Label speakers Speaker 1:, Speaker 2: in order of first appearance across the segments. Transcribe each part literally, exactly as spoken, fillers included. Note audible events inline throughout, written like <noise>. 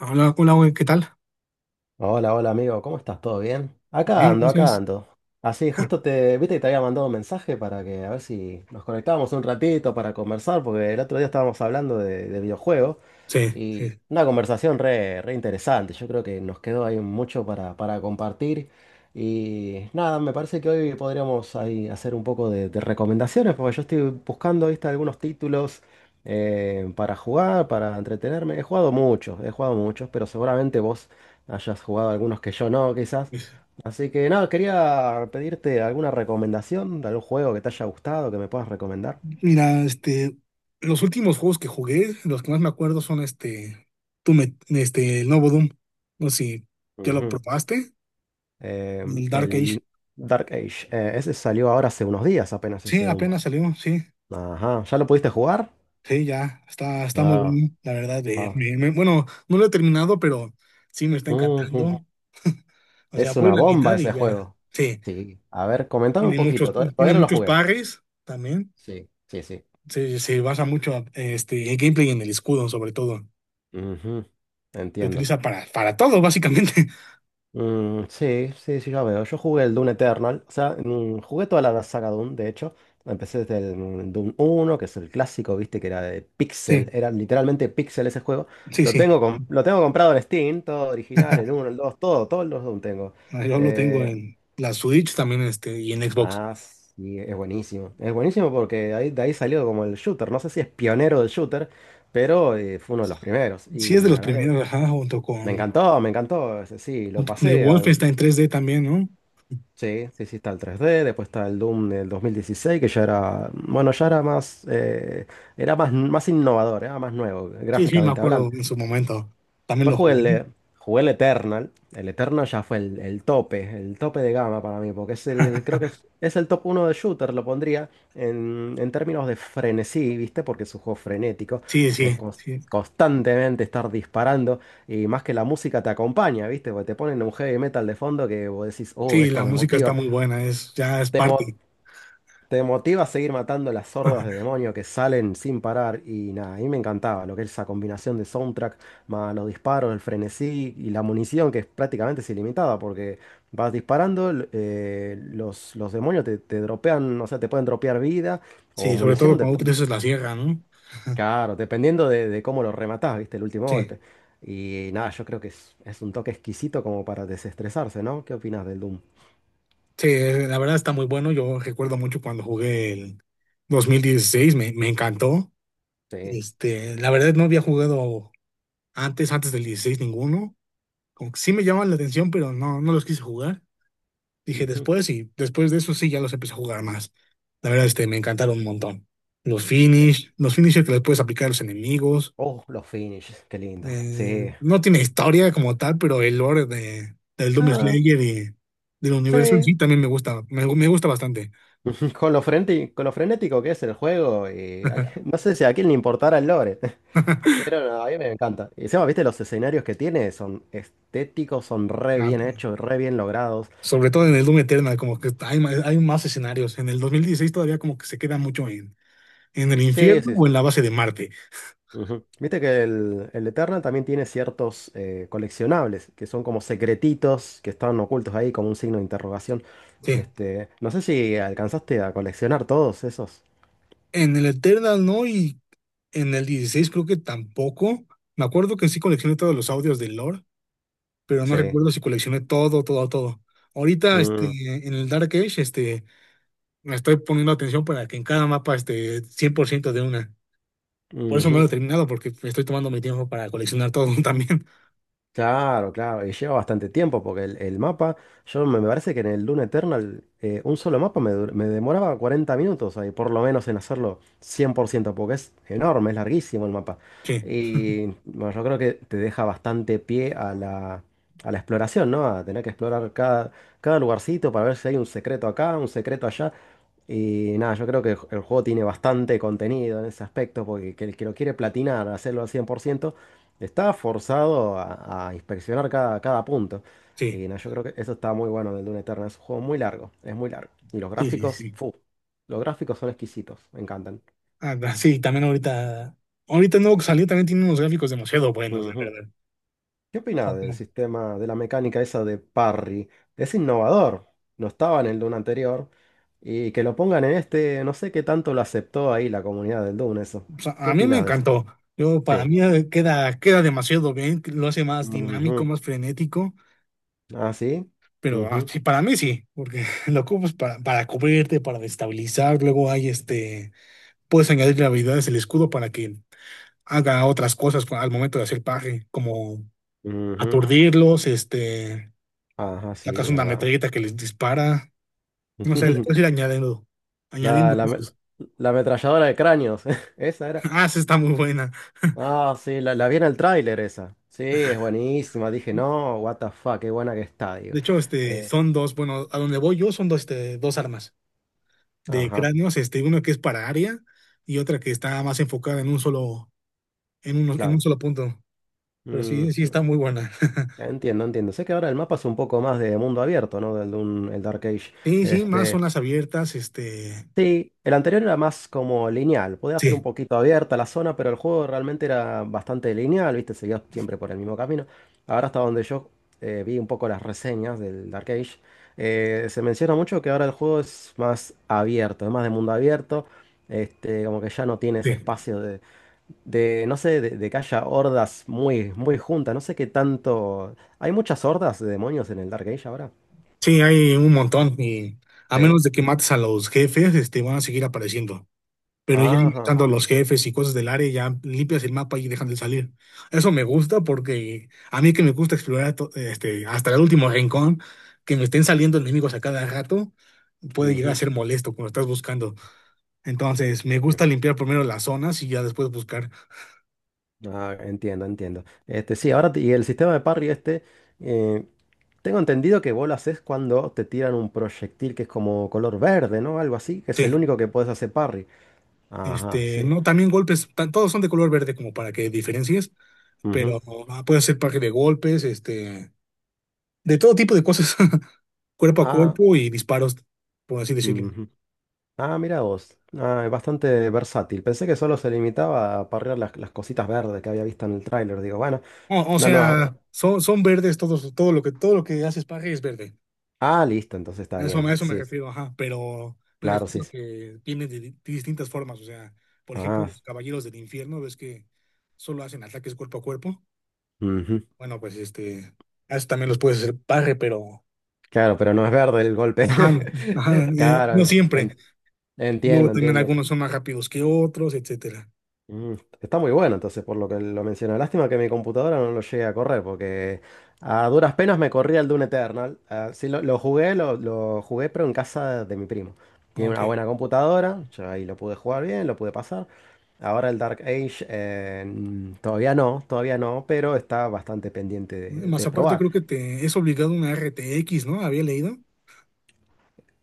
Speaker 1: Hola, hola, güey, ¿qué tal?
Speaker 2: Hola, hola amigo, ¿cómo estás? ¿Todo bien? Acá
Speaker 1: Bien,
Speaker 2: ando, acá
Speaker 1: gracias.
Speaker 2: ando. Así,
Speaker 1: <laughs>
Speaker 2: justo te, viste que te había mandado un mensaje para que a ver si nos conectábamos un ratito para conversar, porque el otro día estábamos hablando de, de videojuegos
Speaker 1: Sí,
Speaker 2: y
Speaker 1: sí.
Speaker 2: una conversación re, re interesante. Yo creo que nos quedó ahí mucho para, para compartir y nada, me parece que hoy podríamos ahí hacer un poco de, de recomendaciones, porque yo estoy buscando, viste, algunos títulos eh, para jugar, para entretenerme. He jugado muchos, he jugado muchos, pero seguramente vos hayas jugado algunos que yo no, quizás.
Speaker 1: sí.
Speaker 2: Así que nada, quería pedirte alguna recomendación de algún juego que te haya gustado, que me puedas recomendar.
Speaker 1: Mira, este, los últimos juegos que jugué, los que más me acuerdo son este, tú me, este, el nuevo Doom. No sé si ya lo
Speaker 2: Ujú.
Speaker 1: probaste,
Speaker 2: Eh,
Speaker 1: el Dark Age.
Speaker 2: el Dark Age, eh, ese salió ahora hace unos días apenas
Speaker 1: Sí,
Speaker 2: ese Doom.
Speaker 1: apenas salió, sí,
Speaker 2: Ajá, ¿ya lo pudiste jugar?
Speaker 1: sí, ya, está, está muy
Speaker 2: Ah,
Speaker 1: bien, la verdad. de-
Speaker 2: ah.
Speaker 1: me- me- bueno, no lo he terminado, pero sí me está
Speaker 2: Ujú.
Speaker 1: encantando. O sea,
Speaker 2: Es
Speaker 1: voy a
Speaker 2: una
Speaker 1: la
Speaker 2: bomba
Speaker 1: mitad y
Speaker 2: ese
Speaker 1: ya,
Speaker 2: juego.
Speaker 1: sí,
Speaker 2: Sí, a ver, comentame un
Speaker 1: tiene muchos,
Speaker 2: poquito, to-
Speaker 1: tiene
Speaker 2: todavía no lo
Speaker 1: muchos
Speaker 2: jugué.
Speaker 1: pares también.
Speaker 2: Sí, sí, sí.
Speaker 1: Se, se basa mucho este, el gameplay y en el escudo, sobre todo.
Speaker 2: Ujú.
Speaker 1: Se
Speaker 2: Entiendo.
Speaker 1: utiliza para, para todo, básicamente. <laughs>
Speaker 2: Mm, sí, sí, sí, ya veo. Yo jugué el Dune Eternal. O sea, mm, jugué toda la saga Dune, de hecho. Empecé desde el mm, Dune uno, que es el clásico, viste, que era de
Speaker 1: Sí,
Speaker 2: Pixel. Era literalmente Pixel ese juego.
Speaker 1: sí,
Speaker 2: Lo
Speaker 1: sí.
Speaker 2: tengo, com- lo tengo comprado en Steam, todo original, el uno, el dos, todo, todos los Dune tengo.
Speaker 1: Ah, yo lo tengo
Speaker 2: Eh,
Speaker 1: en la Switch también este, y en Xbox.
Speaker 2: ah, sí, es buenísimo. Es buenísimo porque ahí, de ahí salió como el shooter. No sé si es pionero del shooter, pero eh, fue uno de los primeros.
Speaker 1: Sí,
Speaker 2: Y
Speaker 1: es de los
Speaker 2: la verdad que
Speaker 1: primeros, ajá, junto
Speaker 2: me
Speaker 1: con,
Speaker 2: encantó, me encantó. Ese Sí, lo
Speaker 1: junto con el
Speaker 2: pasé.
Speaker 1: Wolfenstein tres d también, ¿no?
Speaker 2: Sí, sí, sí, está el tres D, después está el Doom del dos mil dieciséis, que ya era, bueno, ya era más, eh, era más, más innovador, era más nuevo,
Speaker 1: Sí, sí, me
Speaker 2: gráficamente
Speaker 1: acuerdo
Speaker 2: hablando.
Speaker 1: en su momento. También
Speaker 2: Después
Speaker 1: lo
Speaker 2: jugué
Speaker 1: jugué.
Speaker 2: el, eh, jugué el Eternal, el Eternal ya fue el, el tope, el tope de gama para mí, porque es el, creo que es
Speaker 1: <laughs>
Speaker 2: es el top uno de shooter, lo pondría en, en términos de frenesí, ¿viste? Porque es un juego frenético,
Speaker 1: Sí,
Speaker 2: es
Speaker 1: sí,
Speaker 2: cons-
Speaker 1: sí.
Speaker 2: constantemente estar disparando. Y más que la música te acompaña, ¿viste? Porque te ponen un heavy metal de fondo que vos decís, oh,
Speaker 1: Sí,
Speaker 2: esto
Speaker 1: la
Speaker 2: me
Speaker 1: música está
Speaker 2: motiva.
Speaker 1: muy buena, es, ya es parte.
Speaker 2: Te motiva a seguir matando las hordas de demonios que salen sin parar y nada, a mí me encantaba lo que es esa combinación de soundtrack, más los disparos, el frenesí y la munición que es prácticamente es ilimitada porque vas disparando, l- eh, los, los demonios te, te dropean, o sea, te pueden dropear vida o
Speaker 1: Sí, sobre todo
Speaker 2: munición, dep-
Speaker 1: cuando utilizas la sierra, ¿no?
Speaker 2: claro, dependiendo de, de cómo lo rematás, viste, el último
Speaker 1: Sí.
Speaker 2: golpe. Y nada, yo creo que es, es un toque exquisito como para desestresarse, ¿no? ¿Qué opinas del Doom?
Speaker 1: Sí, eh, la verdad está muy bueno. Yo recuerdo mucho cuando jugué el dos mil dieciséis, me, me encantó.
Speaker 2: Sí.
Speaker 1: Este, la verdad no había jugado antes, antes del dieciséis ninguno. Como que sí me llamaban la atención, pero no, no los quise jugar. Dije
Speaker 2: Ujú.
Speaker 1: después y después de eso sí ya los empecé a jugar más. La verdad, este, me encantaron un montón. Los
Speaker 2: Eh,
Speaker 1: finish, los finishers que les puedes aplicar a los enemigos.
Speaker 2: Oh, los finishes, qué lindo.
Speaker 1: Eh,
Speaker 2: Sí.
Speaker 1: no tiene historia como tal, pero el lore de, del Doom
Speaker 2: Ah,
Speaker 1: Slayer y del universo en sí
Speaker 2: sí.
Speaker 1: también me gusta, me, me gusta bastante.
Speaker 2: <laughs> Con lo frenti- con lo frenético que es el juego, y a que- <laughs> no sé si a quién le importara el lore. <laughs>
Speaker 1: <laughs>
Speaker 2: Pero no, a mí me encanta. Y encima, viste, los escenarios que tiene son estéticos, son re
Speaker 1: Ah,
Speaker 2: bien hechos, re bien logrados.
Speaker 1: sobre todo en el Doom Eternal, como que hay, ma- hay más escenarios. En el dos mil dieciséis todavía como que se queda mucho en, en el
Speaker 2: Sí,
Speaker 1: infierno
Speaker 2: sí. Sí.
Speaker 1: o en la base de Marte.
Speaker 2: Ujú. Viste que el, el Eternal también tiene ciertos eh, coleccionables, que son como secretitos que están ocultos ahí, como un signo de interrogación.
Speaker 1: Sí.
Speaker 2: Este, no sé si alcanzaste a coleccionar todos esos.
Speaker 1: En el Eternal no, y en el dieciséis creo que tampoco. Me acuerdo que sí coleccioné todos los audios del lore, pero no
Speaker 2: Sí.
Speaker 1: recuerdo si coleccioné todo, todo, todo. Ahorita, este,
Speaker 2: Mm,
Speaker 1: en el Dark Age, este, me estoy poniendo atención para que en cada mapa esté cien por ciento de una. Por eso
Speaker 2: ujú.
Speaker 1: no lo he terminado, porque me estoy tomando mi tiempo para coleccionar todo <laughs> también.
Speaker 2: Claro, claro, y lleva bastante tiempo porque el, el mapa, yo me, me parece que en el Dune Eternal eh, un solo mapa me, dur- me demoraba cuarenta minutos ahí, por lo menos en hacerlo cien por ciento porque es enorme, es larguísimo el mapa.
Speaker 1: Sí,
Speaker 2: Y bueno, yo creo que te deja bastante pie a la, a la exploración, ¿no? A tener que explorar cada, cada lugarcito para ver si hay un secreto acá, un secreto allá. Y nada, yo creo que el el juego tiene bastante contenido en ese aspecto, porque que el que lo quiere platinar, hacerlo al cien por ciento está forzado a, a inspeccionar cada, cada punto. Y
Speaker 1: sí,
Speaker 2: nada, yo creo que eso está muy bueno del Dune Eternal. Es un juego muy largo, es muy largo. Y los
Speaker 1: sí, sí,
Speaker 2: gráficos,
Speaker 1: sí.
Speaker 2: fu, los gráficos son exquisitos, me encantan.
Speaker 1: Ah, da- sí, también ahorita, ahorita nuevo que salió también tiene unos gráficos demasiado buenos, la
Speaker 2: Ujú.
Speaker 1: verdad.
Speaker 2: ¿Qué
Speaker 1: O
Speaker 2: opinas
Speaker 1: sea,
Speaker 2: del
Speaker 1: como-
Speaker 2: sistema, de la mecánica esa de parry? Es innovador, no estaba en el Dune anterior. Y que lo pongan en este, no sé qué tanto lo aceptó ahí la comunidad del Dune, eso.
Speaker 1: o sea,
Speaker 2: ¿Qué
Speaker 1: a mí me
Speaker 2: opinas?
Speaker 1: encantó. Yo, para
Speaker 2: Sí.
Speaker 1: mí eh, queda, queda demasiado bien, lo hace más
Speaker 2: Ujú.
Speaker 1: dinámico, más frenético,
Speaker 2: Ah, sí.
Speaker 1: pero ah,
Speaker 2: Ujú.
Speaker 1: sí, para mí sí, porque <laughs> lo ocupas para, para cubrirte, para destabilizar, luego hay este, puedes añadirle habilidades el escudo para que haga otras cosas cu- al momento de hacer paje, como
Speaker 2: Ujú.
Speaker 1: aturdirlos, este,
Speaker 2: Ajá, sí,
Speaker 1: sacas una
Speaker 2: verdad.
Speaker 1: metralleta que les dispara, no sé, le puedes ir
Speaker 2: <laughs>
Speaker 1: añadiendo,
Speaker 2: La,
Speaker 1: añadiendo
Speaker 2: la, me-
Speaker 1: cosas.
Speaker 2: la ametralladora de cráneos. <laughs> Esa era.
Speaker 1: Ah, esa está muy buena.
Speaker 2: Ah, sí, la, la vi en el tráiler esa. Sí, es buenísima. Dije, no, what the fuck, qué buena que está, digo.
Speaker 1: De hecho, este,
Speaker 2: Eh,
Speaker 1: son dos, bueno, a donde voy yo son dos, este, dos armas de
Speaker 2: ajá,
Speaker 1: cráneos, este, uno que es para área y otra que está más enfocada en un solo, en un, en un
Speaker 2: claro.
Speaker 1: solo punto. Pero sí, sí
Speaker 2: Mm,
Speaker 1: está muy buena. <laughs>
Speaker 2: entiendo, entiendo. Sé que ahora el mapa es un poco más de mundo abierto, ¿no? Del Doom- el Dark Age.
Speaker 1: Sí, sí, más
Speaker 2: Este.
Speaker 1: zonas abiertas, este,
Speaker 2: Sí, el anterior era más como lineal, podía ser un
Speaker 1: sí,
Speaker 2: poquito abierta la zona, pero el juego realmente era bastante lineal, ¿viste? Seguía siempre por el mismo camino. Ahora hasta donde yo eh, vi un poco las reseñas del Dark Age, eh, se menciona mucho que ahora el juego es más abierto, es más de mundo abierto, este, como que ya no tiene ese
Speaker 1: sí.
Speaker 2: espacio de, de no sé, de, de que haya hordas muy, muy juntas, no sé qué tanto... ¿Hay muchas hordas de demonios en el Dark Age ahora?
Speaker 1: Sí, hay un montón y a
Speaker 2: Sí.
Speaker 1: menos de que mates a los jefes, este, van a seguir apareciendo. Pero ya
Speaker 2: Ajá.
Speaker 1: matando a los jefes y cosas del área, ya limpias el mapa y dejan de salir. Eso me gusta porque a mí que me gusta explorar to- este, hasta el último rincón, que me estén saliendo enemigos a cada rato, puede llegar a
Speaker 2: Ujú,
Speaker 1: ser molesto cuando estás buscando. Entonces, me
Speaker 2: sí.
Speaker 1: gusta limpiar primero las zonas y ya después buscar.
Speaker 2: Ah, entiendo, entiendo. Este, sí, ahora te- y el sistema de parry este, eh, tengo entendido que vos lo haces cuando te tiran un proyectil que es como color verde, ¿no? Algo así, que es
Speaker 1: Sí,
Speaker 2: el único que podés hacer parry. Ajá,
Speaker 1: este,
Speaker 2: sí.
Speaker 1: no, también golpes, ta- todos son de color verde como para que diferencies,
Speaker 2: Ujú.
Speaker 1: pero ah, puede ser parque de golpes, este, de todo tipo de cosas, <laughs> cuerpo a
Speaker 2: Ah,
Speaker 1: cuerpo y disparos, por así decirlo.
Speaker 2: ujú. Ah, mira vos. Ah, es bastante versátil. Pensé que solo se limitaba a parrear las, las cositas verdes que había visto en el tráiler. Digo, bueno,
Speaker 1: O, o
Speaker 2: no, no.
Speaker 1: sea, son, son verdes todos, todo lo que, todo lo que hace Spage es verde.
Speaker 2: Ah, listo, entonces está
Speaker 1: A eso, a
Speaker 2: bien.
Speaker 1: eso me
Speaker 2: Sí, sí.
Speaker 1: refiero, ajá. Pero me
Speaker 2: Claro,
Speaker 1: refiero
Speaker 2: sí.
Speaker 1: a
Speaker 2: Sí.
Speaker 1: que vienen de, di- distintas formas. O sea, por ejemplo,
Speaker 2: Ah,
Speaker 1: los caballeros del infierno, ves que solo hacen ataques cuerpo a cuerpo.
Speaker 2: ujú.
Speaker 1: Bueno, pues este, a eso también los puedes hacer parre, pero
Speaker 2: Claro, pero no es verde el golpe.
Speaker 1: ajá, ajá,
Speaker 2: <laughs>
Speaker 1: eh, no
Speaker 2: Claro,
Speaker 1: siempre.
Speaker 2: en-
Speaker 1: Luego
Speaker 2: entiendo,
Speaker 1: también
Speaker 2: entiendo. Sí.
Speaker 1: algunos son más rápidos que otros, etcétera.
Speaker 2: Mm, está muy bueno, entonces, por lo que lo menciona. Lástima que mi computadora no lo llegue a correr, porque a duras penas me corría el Doom Eternal. Ah, sí, lo, lo jugué, lo, lo jugué, pero en casa de mi primo. Tiene una
Speaker 1: Ok.
Speaker 2: buena computadora, yo ahí lo pude jugar bien, lo pude pasar. Ahora el Dark Age, eh, mm, todavía no, todavía no, pero está bastante pendiente de,
Speaker 1: Más
Speaker 2: de
Speaker 1: aparte,
Speaker 2: probar.
Speaker 1: creo que te es obligado una R T X, ¿no? Había leído.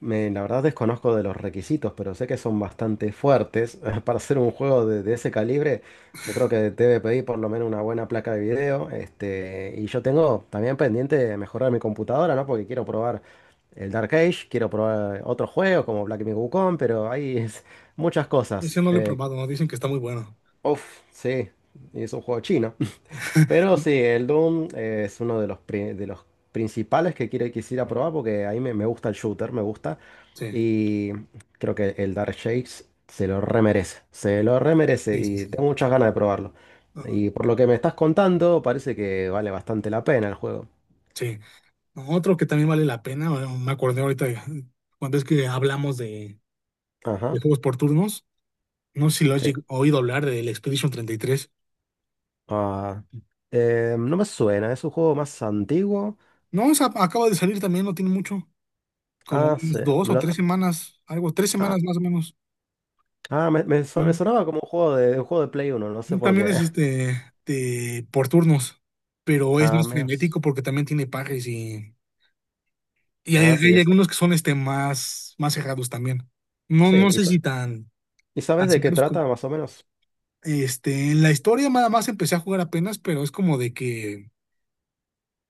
Speaker 2: Me- la verdad desconozco de los requisitos, pero sé que son bastante fuertes. <laughs> Para hacer un juego de, de ese calibre, yo creo que debe pedir por lo menos una buena placa de video. Este, y yo tengo también pendiente de mejorar mi computadora, ¿no? Porque quiero probar el Dark Age, quiero probar otros juegos como Black Myth Wukong, pero hay <laughs> es- muchas
Speaker 1: Ese
Speaker 2: cosas.
Speaker 1: no lo he
Speaker 2: Eh,
Speaker 1: probado, ¿no? Dicen que está muy bueno.
Speaker 2: uf, sí, y es un juego chino.
Speaker 1: <laughs>
Speaker 2: Pero sí, el Doom eh, es uno de los, pri- de los principales que quiere, quisiera probar porque ahí me, me gusta el shooter, me gusta.
Speaker 1: Sí.
Speaker 2: Y creo que el Dark Shakes se lo remerece, se lo remerece
Speaker 1: Sí, sí,
Speaker 2: y
Speaker 1: sí.
Speaker 2: tengo muchas ganas de probarlo.
Speaker 1: Ajá.
Speaker 2: Y por lo que me estás contando, parece que vale bastante la pena el juego.
Speaker 1: Sí. No, otro que también vale la pena, bueno, me acordé ahorita de- cuando es que hablamos de, de
Speaker 2: Ajá,
Speaker 1: juegos por turnos. No sé si lo has
Speaker 2: sí.
Speaker 1: lleg- oído hablar del Expedition treinta y tres.
Speaker 2: Ah, eh, no me suena, es un juego más antiguo.
Speaker 1: No, o sea, acaba de salir también, no tiene mucho. Como
Speaker 2: Ah, sí.
Speaker 1: unas dos
Speaker 2: Me
Speaker 1: o
Speaker 2: lo-
Speaker 1: tres semanas, algo, tres
Speaker 2: ah,
Speaker 1: semanas más o menos.
Speaker 2: ah, me, me son- me
Speaker 1: Mm.
Speaker 2: sonaba como un juego de, de un juego de Play uno no sé por
Speaker 1: También
Speaker 2: qué.
Speaker 1: es
Speaker 2: <laughs>
Speaker 1: este de, por turnos, pero es
Speaker 2: Ah,
Speaker 1: más
Speaker 2: menos.
Speaker 1: frenético porque también tiene pares y, y hay,
Speaker 2: Ah, sí,
Speaker 1: hay
Speaker 2: es.
Speaker 1: algunos que son este más, más cerrados también. No,
Speaker 2: Sí,
Speaker 1: no
Speaker 2: y,
Speaker 1: sé
Speaker 2: sa-
Speaker 1: si tan,
Speaker 2: ¿y sabes
Speaker 1: tan
Speaker 2: de qué
Speaker 1: cerrados.
Speaker 2: trata más o menos?
Speaker 1: Este, en la historia nada más empecé a jugar apenas, pero es como de que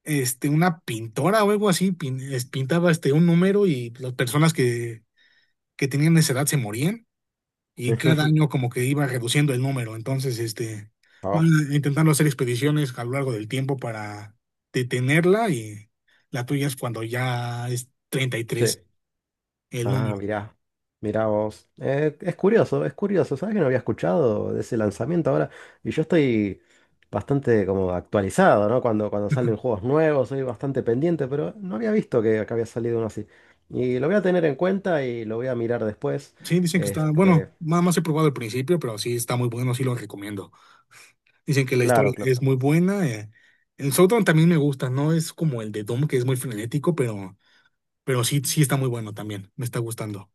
Speaker 1: este, una pintora o algo así pin- es- pintaba este, un número y las personas que, que tenían esa edad se morían y cada año
Speaker 2: <laughs>
Speaker 1: como que iba reduciendo el número. Entonces, este, van
Speaker 2: Oh,
Speaker 1: intentando hacer expediciones a lo largo del tiempo para detenerla y la tuya es cuando ya es treinta y
Speaker 2: sí.
Speaker 1: tres el
Speaker 2: Ah,
Speaker 1: número.
Speaker 2: mirá. Mirá vos. Eh, es curioso, es curioso. ¿Sabes que no había escuchado de ese lanzamiento ahora? Y yo estoy bastante como actualizado, ¿no? Cuando, cuando salen juegos
Speaker 1: <laughs>
Speaker 2: nuevos, soy bastante pendiente, pero no había visto que, que había salido uno así. Y lo voy a tener en cuenta y lo voy a mirar después.
Speaker 1: Sí, dicen que está,
Speaker 2: Este,
Speaker 1: bueno, nada más he probado al principio, pero sí está muy bueno, sí lo recomiendo. Dicen que la historia
Speaker 2: claro, claro.
Speaker 1: es muy buena. eh. El Showdown también me gusta, no es como el de Doom, que es muy frenético, pero, pero sí, sí está muy bueno también. Me está gustando.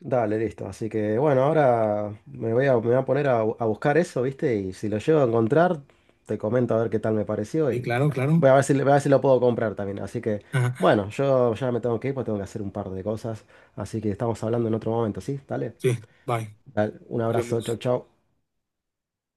Speaker 2: Dale, listo. Así que bueno, ahora me voy a, me voy a poner a, bu- a buscar eso, ¿viste? Y si lo llego a encontrar, te comento a ver qué tal me pareció.
Speaker 1: Sí,
Speaker 2: Y
Speaker 1: claro,
Speaker 2: bueno,
Speaker 1: claro.
Speaker 2: voy a ver si, voy a ver si lo puedo comprar también. Así que
Speaker 1: Ajá,
Speaker 2: bueno, yo ya me tengo que ir porque tengo que hacer un par de cosas. Así que estamos hablando en otro momento, ¿sí? Dale.
Speaker 1: sí, bye.
Speaker 2: Dale, un
Speaker 1: Nos
Speaker 2: abrazo, chau,
Speaker 1: vemos.
Speaker 2: chau.